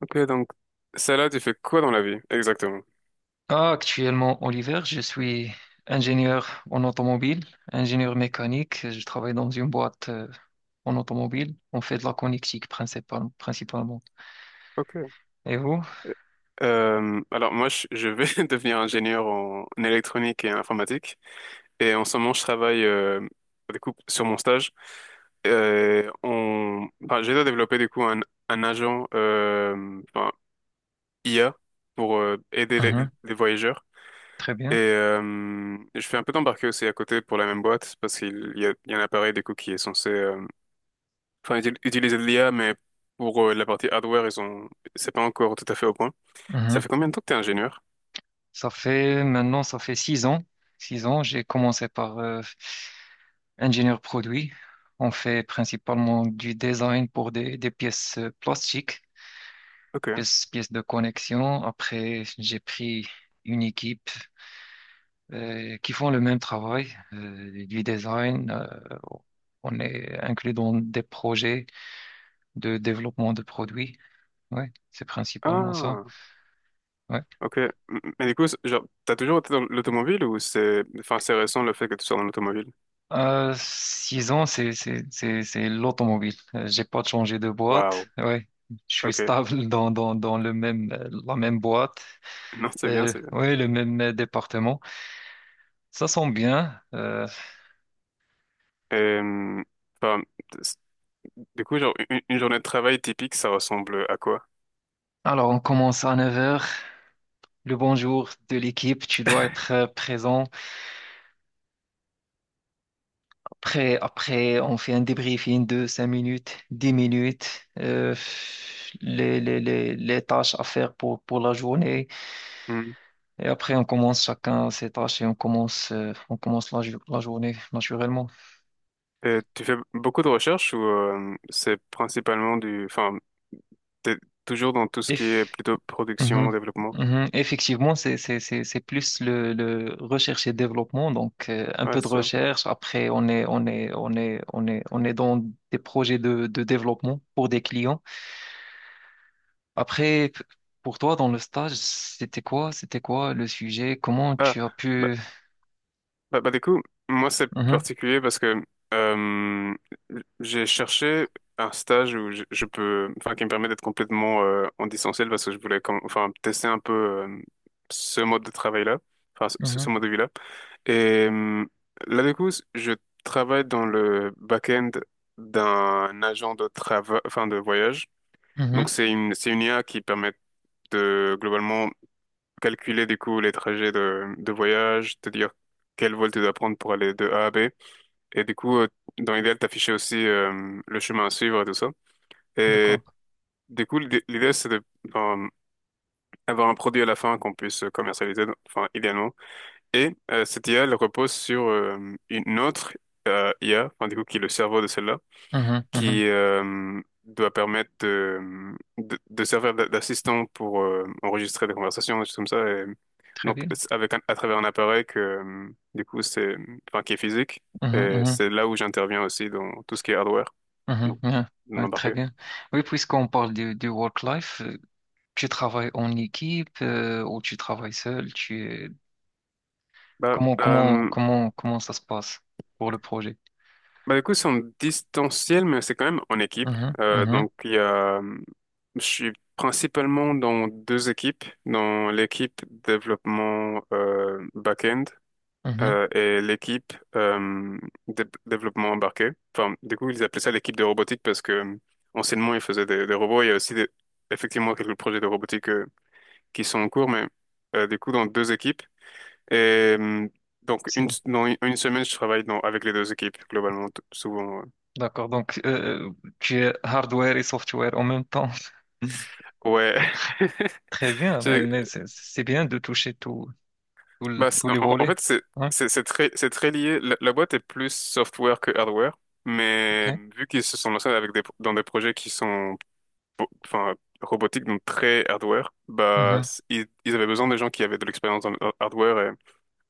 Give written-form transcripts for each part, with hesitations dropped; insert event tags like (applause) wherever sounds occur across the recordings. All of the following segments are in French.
Ok, donc celle-là, tu fais quoi dans la vie exactement? Ah, actuellement, Oliver, je suis ingénieur en automobile, ingénieur mécanique. Je travaille dans une boîte en automobile. On fait de la connectique principalement. Ok. Et vous? Alors moi, je vais (laughs) devenir ingénieur en électronique et informatique. Et en ce moment, je travaille du coup sur mon stage. J'ai développé du coup un agent IA pour aider les, Mhm. les voyageurs. Très Et bien. euh, je fais un peu d'embarquer aussi à côté pour la même boîte parce qu'il y a un appareil du coup qui est censé ils utilisent de l'IA, mais pour la partie hardware, ils ont, c'est pas encore tout à fait au point. Ça Mhm. fait combien de temps que t'es ingénieur? Ça fait maintenant, ça fait 6 ans. 6 ans, j'ai commencé par ingénieur produit. On fait principalement du design pour des pièces plastiques, Ok. Pièces de connexion. Après, j'ai pris une équipe qui font le même travail du design. On est inclus dans des projets de développement de produits. Ouais, c'est principalement ça. Ah, Ouais. ok. Mais du coup, genre, t'as toujours été dans l'automobile ou c'est récent le fait que tu sois dans l'automobile? 6 ans, c'est l'automobile. J'ai pas changé de boîte. Waouh. Ouais, je suis Ok. (laughs) stable (laughs) dans le même la même boîte. Non, c'est bien, c'est bien. Ouais, le même département. Ça sent bien. Et, hum, enfin, c'est- du coup, genre, une journée de travail typique, ça ressemble à quoi? Alors on commence à 9 heures. Le bonjour de l'équipe, tu dois être présent. Après, on fait un débriefing de 5 minutes, 10 minutes, les tâches à faire pour la journée. Hmm. Et après, on commence chacun ses tâches et on commence la journée naturellement. Et tu fais beaucoup de recherches ou c'est principalement t'es toujours dans tout ce qui est Eff- plutôt production, Mhm. développement? Mhm. Effectivement, c'est plus le recherche et développement. Donc, un peu Ouais, de ça. recherche. Après, on est dans des projets de développement pour des clients. Après, pour toi, dans le stage, c'était quoi? C'était quoi le sujet? Comment Ah, tu as bah, pu... bah, du coup, moi c'est Mhm, particulier parce que euh, j'ai cherché un stage où je peux, enfin, qui me permet d'être complètement en distanciel parce que je voulais, comme, enfin, tester un peu ce mode de travail-là, enfin, ce mhm, mode de vie-là. Et là, du coup, je travaille dans le back-end d'un agent de travail, enfin, de voyage. Donc, mhm. c'est une IA qui permet de globalement calculer du coup les trajets de voyage, te dire quel vol tu dois prendre pour aller de A à B. Et du coup, dans l'idéal, t'afficher aussi le chemin à suivre et tout ça. Et D'accord. du coup, l'idée, c'est de euh, avoir un produit à la fin qu'on puisse commercialiser, enfin idéalement. Et cette IA, elle repose sur une autre IA, enfin, du coup, qui est le cerveau de celle-là Mhm, mhm. qui doit permettre de servir d'assistant pour enregistrer des conversations, des choses comme ça. Et Très donc, bien. c'est avec à travers un appareil que, du coup, qui est physique. Mhm, Et mhm, c'est là où j'interviens aussi dans tout ce qui est hardware, mhm. donc Bien. Ouais, très l'embarqué. bien. Oui, puisqu'on parle du work-life, tu travailles en équipe ou tu travailles seul? Tu... Bah, euh, Comment ça se passe pour le projet? bah, du coup, c'est en distanciel, mais c'est quand même en équipe. Mhm, Euh, mhm, donc, il y a, je suis principalement dans deux équipes, dans l'équipe développement back-end mhm. Et l'équipe développement embarqué. Enfin, du coup, ils appelaient ça l'équipe de robotique parce que anciennement, ils faisaient des robots. Il y a aussi effectivement quelques projets de robotique qui sont en cours, mais du coup, dans deux équipes. Et euh, donc, C'est... une, dans une semaine, je travaille avec les deux équipes, globalement, souvent. D'accord. Donc, tu es hardware et software en même temps. (laughs) Ouais. (laughs) Très bien, mais, C'est- c'est bien de toucher tout, tous En les volets. fait, c'est Hein, c'est- c'est très, c'est très lié. La boîte est plus software que hardware. Mais ok. vu qu'ils se sont lancés dans des projets qui sont bo- enfin, robotique, donc très hardware, bah, Mhm, ils avaient besoin de gens qui avaient de l'expérience en hardware. Et,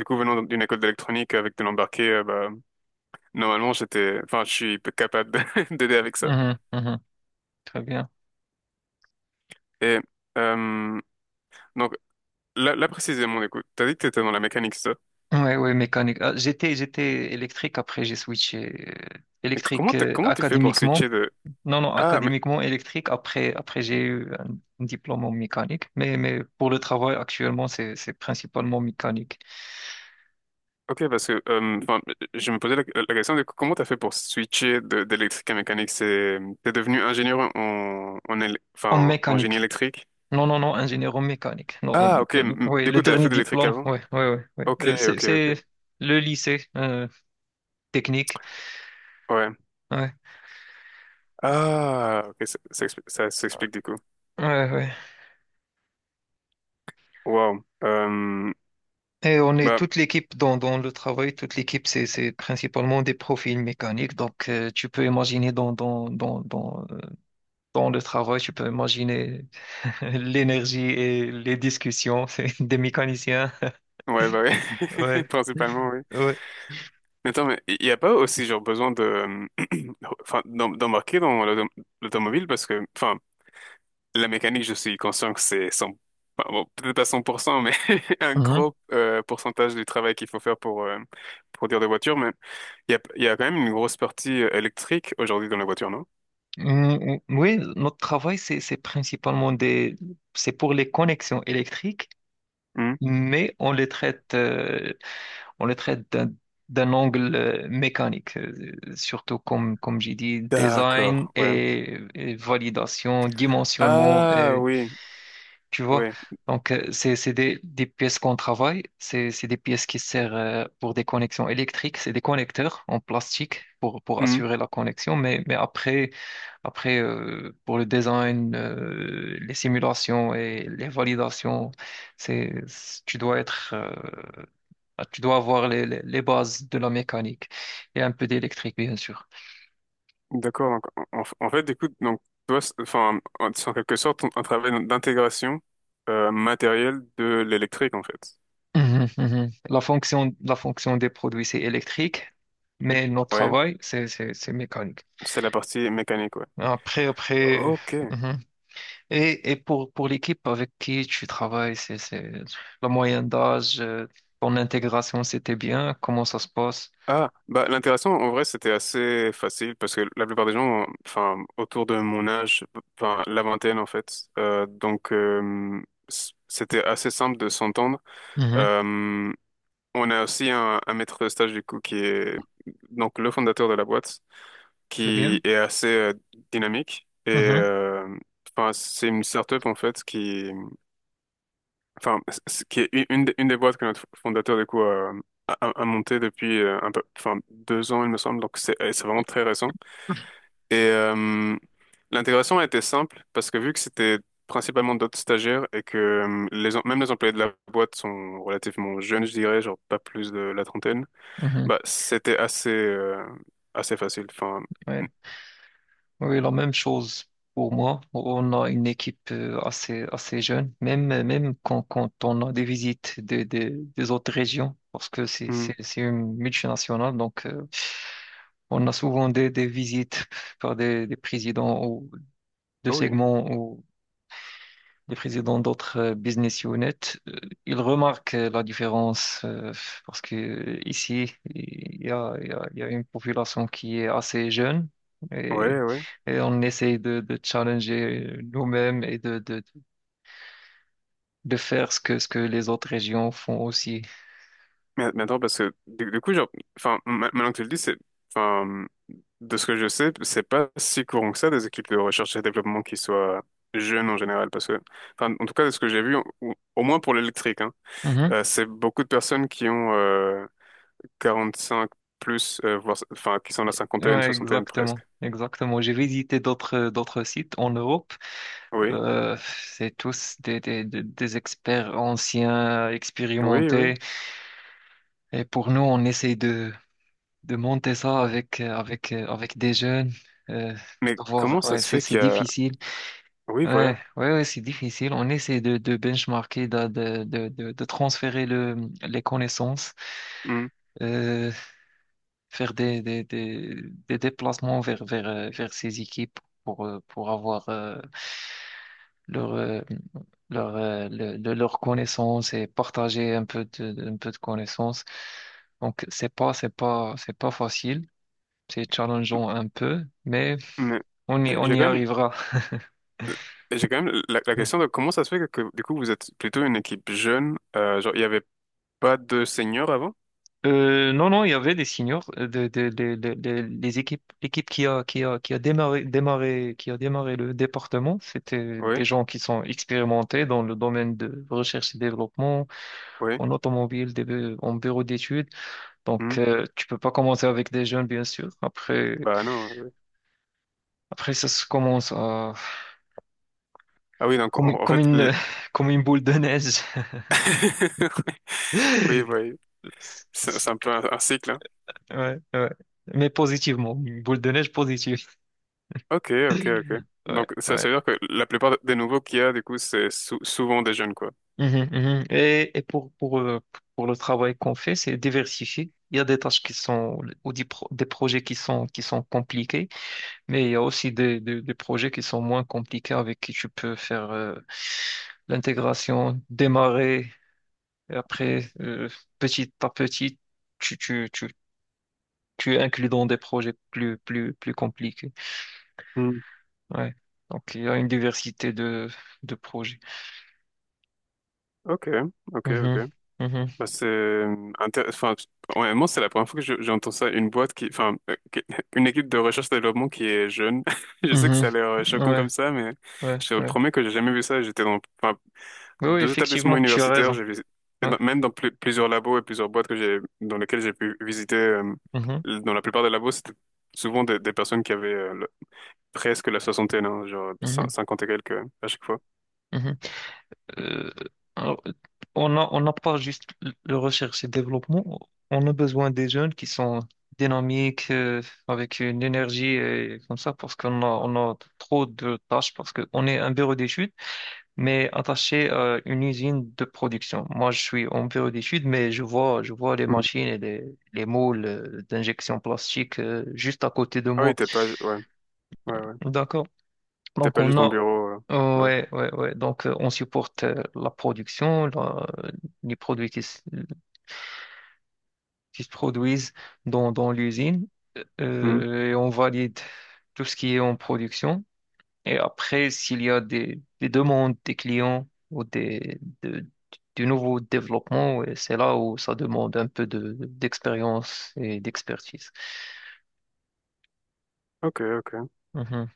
du coup, venant d'une école d'électronique avec de l'embarqué, bah, normalement, je suis capable (laughs) d'aider avec ça. mhm, mhm. Très bien. Et euh, donc, là précisément, du coup, t'as dit que t'étais dans la mécanique, c'est ça. Ouais, ouais, mécanique. Ah, j'étais électrique, après j'ai switché Et électrique comment t'as fait pour académiquement. switcher de... Non, non, Ah, mais académiquement électrique. Après, après j'ai eu un diplôme en mécanique. Mais pour le travail actuellement, c'est principalement mécanique. ok, parce que, je me posais la question, du coup, comment t'as fait pour switcher d'électrique à mécanique? T'es devenu ingénieur En en génie mécanique. électrique? Non, non, non, ingénieur en mécanique. Non, en- Ah, ok. Oui, Du le coup, t'avais fait dernier de l'électrique diplôme. avant? Oui, oui, oui. Ouais, ouais, ouais, ouais. Ok, ok, C'est ok. le lycée technique. Ouais. Ouais, Ah, ok, ça s'explique du coup. ouais, ouais. Wow. Et on est Bah, toute l'équipe dans le travail, toute l'équipe, c'est principalement des profils mécaniques. Donc, tu peux imaginer dans le travail, tu peux imaginer (laughs) l'énergie et les discussions (laughs) c'est des mécaniciens. ouais, bah ouais. Ouais, (laughs) Principalement, oui. ouais. Mais attends, mais il n'y a pas aussi genre besoin de, (clears throat) enfin, d'embarquer dans l'automobile parce que, enfin, la mécanique, je suis conscient que c'est 100, enfin, bon, peut-être pas 100%, mais (laughs) un Mhm. gros pourcentage du travail qu'il faut faire pour produire des voitures. Mais il y a quand même une grosse partie électrique aujourd'hui dans la voiture, non? Mm, oui, notre travail, c'est principalement c'est pour les connexions électriques, Hmm. mais on les traite on le traite d'un angle mécanique, surtout comme, comme j'ai dit, design D'accord, ouais. Et validation, dimensionnement, Ah et, oui, tu vois. ouais. Donc, c'est des pièces qu'on travaille, c'est des pièces qui servent pour des connexions électriques, c'est des connecteurs en plastique pour Hmm, assurer la connexion, mais après, après pour le design, les simulations et les validations, c'est, tu dois être... Tu dois avoir les bases de la mécanique et un peu d'électrique, bien sûr. d'accord. Donc, en fait, écoute, donc toi, c'est en quelque sorte un travail d'intégration matérielle de l'électrique, en fait. Mhm, mhm. La fonction des produits, c'est électrique, mais notre Ouais. travail, c'est mécanique. C'est la partie mécanique, ouais. Après, après. Ok. Mhm. Et pour l'équipe avec qui tu travailles, c'est la moyenne d'âge, ton intégration, c'était bien, comment ça se passe? Ah, bah l'intéressant, en vrai, c'était assez facile parce que la plupart des gens, enfin, autour de mon âge, enfin, la vingtaine, en fait, donc c'était assez simple de s'entendre. Mhm. Euh, On a aussi un maître de stage du coup qui est donc le fondateur de la boîte, Très qui bien. est assez dynamique et Mhm, euh, enfin c'est une startup en fait qui enfin qui est une des boîtes que notre fondateur du coup a montée depuis un peu enfin 2 ans il me semble. Donc c'est vraiment très récent, et l'intégration a été simple parce que vu que c'était principalement d'autres stagiaires et que même les employés de la boîte sont relativement jeunes, je dirais genre pas plus de la trentaine. mhm. Bah, c'était assez, assez facile. Enfin, Ouais, oui, la même chose pour moi. On a une équipe assez, assez jeune, même, même quand on a des visites des autres régions, parce que Mhm. C'est une multinationale, donc on a souvent des visites par des présidents ou de Ah oui, segments, les présidents d'autres business units, ils remarquent la différence, parce que ici, il y a une population qui est assez jeune et, ouais, ouais. et on essaye de challenger nous-mêmes et de faire ce que les autres régions font aussi. Mais attends, parce que du coup, genre, enfin, maintenant que tu le dis, enfin, de ce que je sais, c'est pas si courant que ça des équipes de recherche et développement qui soient jeunes en général, parce que, enfin, en tout cas, de ce que j'ai vu, au moins pour l'électrique, hein, Mhm. C'est beaucoup de personnes qui ont 45 plus, voire, enfin, qui sont la cinquantaine, Ouais, soixantaine presque. exactement. Exactement. J'ai visité d'autres d'autres sites en Europe. Oui, C'est tous des experts anciens, oui, expérimentés. oui. Et pour nous, on essaie de monter ça avec avec des jeunes euh, Mais de voir. comment ça Ouais, se fait c'est qu'il y a... difficile, Oui, ouais voilà. ouais ouais, c'est difficile. On essaie de benchmarker, de transférer le les connaissances, Hmm. euh, faire des déplacements vers vers ces équipes pour avoir leur leurs connaissances et partager un peu un peu de connaissances. Donc c'est pas facile, c'est challengeant un peu, mais Mais on y, euh, on j'ai y quand même, arrivera. j'ai quand même la question (laughs) de comment ça se fait que, du coup, vous êtes plutôt une équipe jeune. Genre, il n'y avait pas de seniors avant? Non, non, il y avait des seniors, les équipes, l'équipe qui a démarré, qui a démarré le département, c'était Oui, des gens qui sont expérimentés dans le domaine de recherche et développement, oui. en automobile, des en bureau d'études. Hmm. Donc, tu peux pas commencer avec des jeunes, bien sûr. Après, Bah non. Oui. après, ça se commence à, Ah oui, donc, en comme fait... une, (laughs) comme une boule de neige. (laughs) Oui, oui. (laughs) C'est un peu un cycle, hein. Ouais, ouais. Mais positivement, une boule de neige positive. Ok, ok, ok. Ouais, Donc, ça, ouais. ça veut dire que la plupart des nouveaux qu'il y a, du coup, c'est souvent des jeunes, quoi. Mhm, mhm. Et pour le travail qu'on fait, c'est diversifié. Il y a des tâches qui sont, ou des projets qui sont compliqués, mais il y a aussi des projets qui sont moins compliqués avec qui tu peux faire l'intégration, démarrer, et après, petit à petit, tu, tu, tu, tu inclus dans des projets plus compliqués. Hmm. Ouais. Donc, il y a une diversité de projets. Ok, ok, ok. Mhm, mhm, Bah, enfin, ouais, moi, c'est la première fois que j'entends ça. Une boîte qui, enfin, qui- (laughs) Une équipe de recherche et développement qui est jeune. (laughs) Je sais que mhm. ça a l'air choquant comme Ouais, ça, mais ouais, je te ouais. promets que j'ai jamais vu ça. J'étais dans Oui, oui, deux effectivement, établissements tu as universitaires. raison. J'ai visité, Ouais. même dans plusieurs labos et plusieurs boîtes dans lesquelles j'ai pu visiter. Mhm, Dans la plupart des labos, c'était souvent des personnes qui avaient presque la soixantaine, hein, genre mhm, cinquante et quelques à chaque fois. mhm. Euh, alors, on a, on n'a pas juste le recherche et développement, on a besoin des jeunes qui sont dynamiques, avec une énergie et comme ça, parce qu'on a, on a trop de tâches, parce qu'on est un bureau d'études, mais attaché à une usine de production. Moi, je suis en bureau d'études, mais je vois les Hmm. machines et les moules d'injection plastique, juste à côté de Ah oui, moi. t'es pas, ouais, ouais, ouais. D'accord. T'es Donc pas on juste en a bureau. Ouais. ouais ouais ouais donc on supporte la production les produits qui se produisent dans l'usine Hmm. Et on valide tout ce qui est en production et après s'il y a des demandes des clients ou du nouveau développement. Ouais, c'est là où ça demande un peu de d'expérience et d'expertise. Ok, ok. Mhm.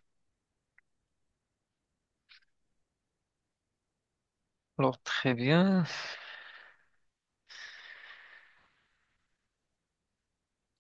Alors très bien.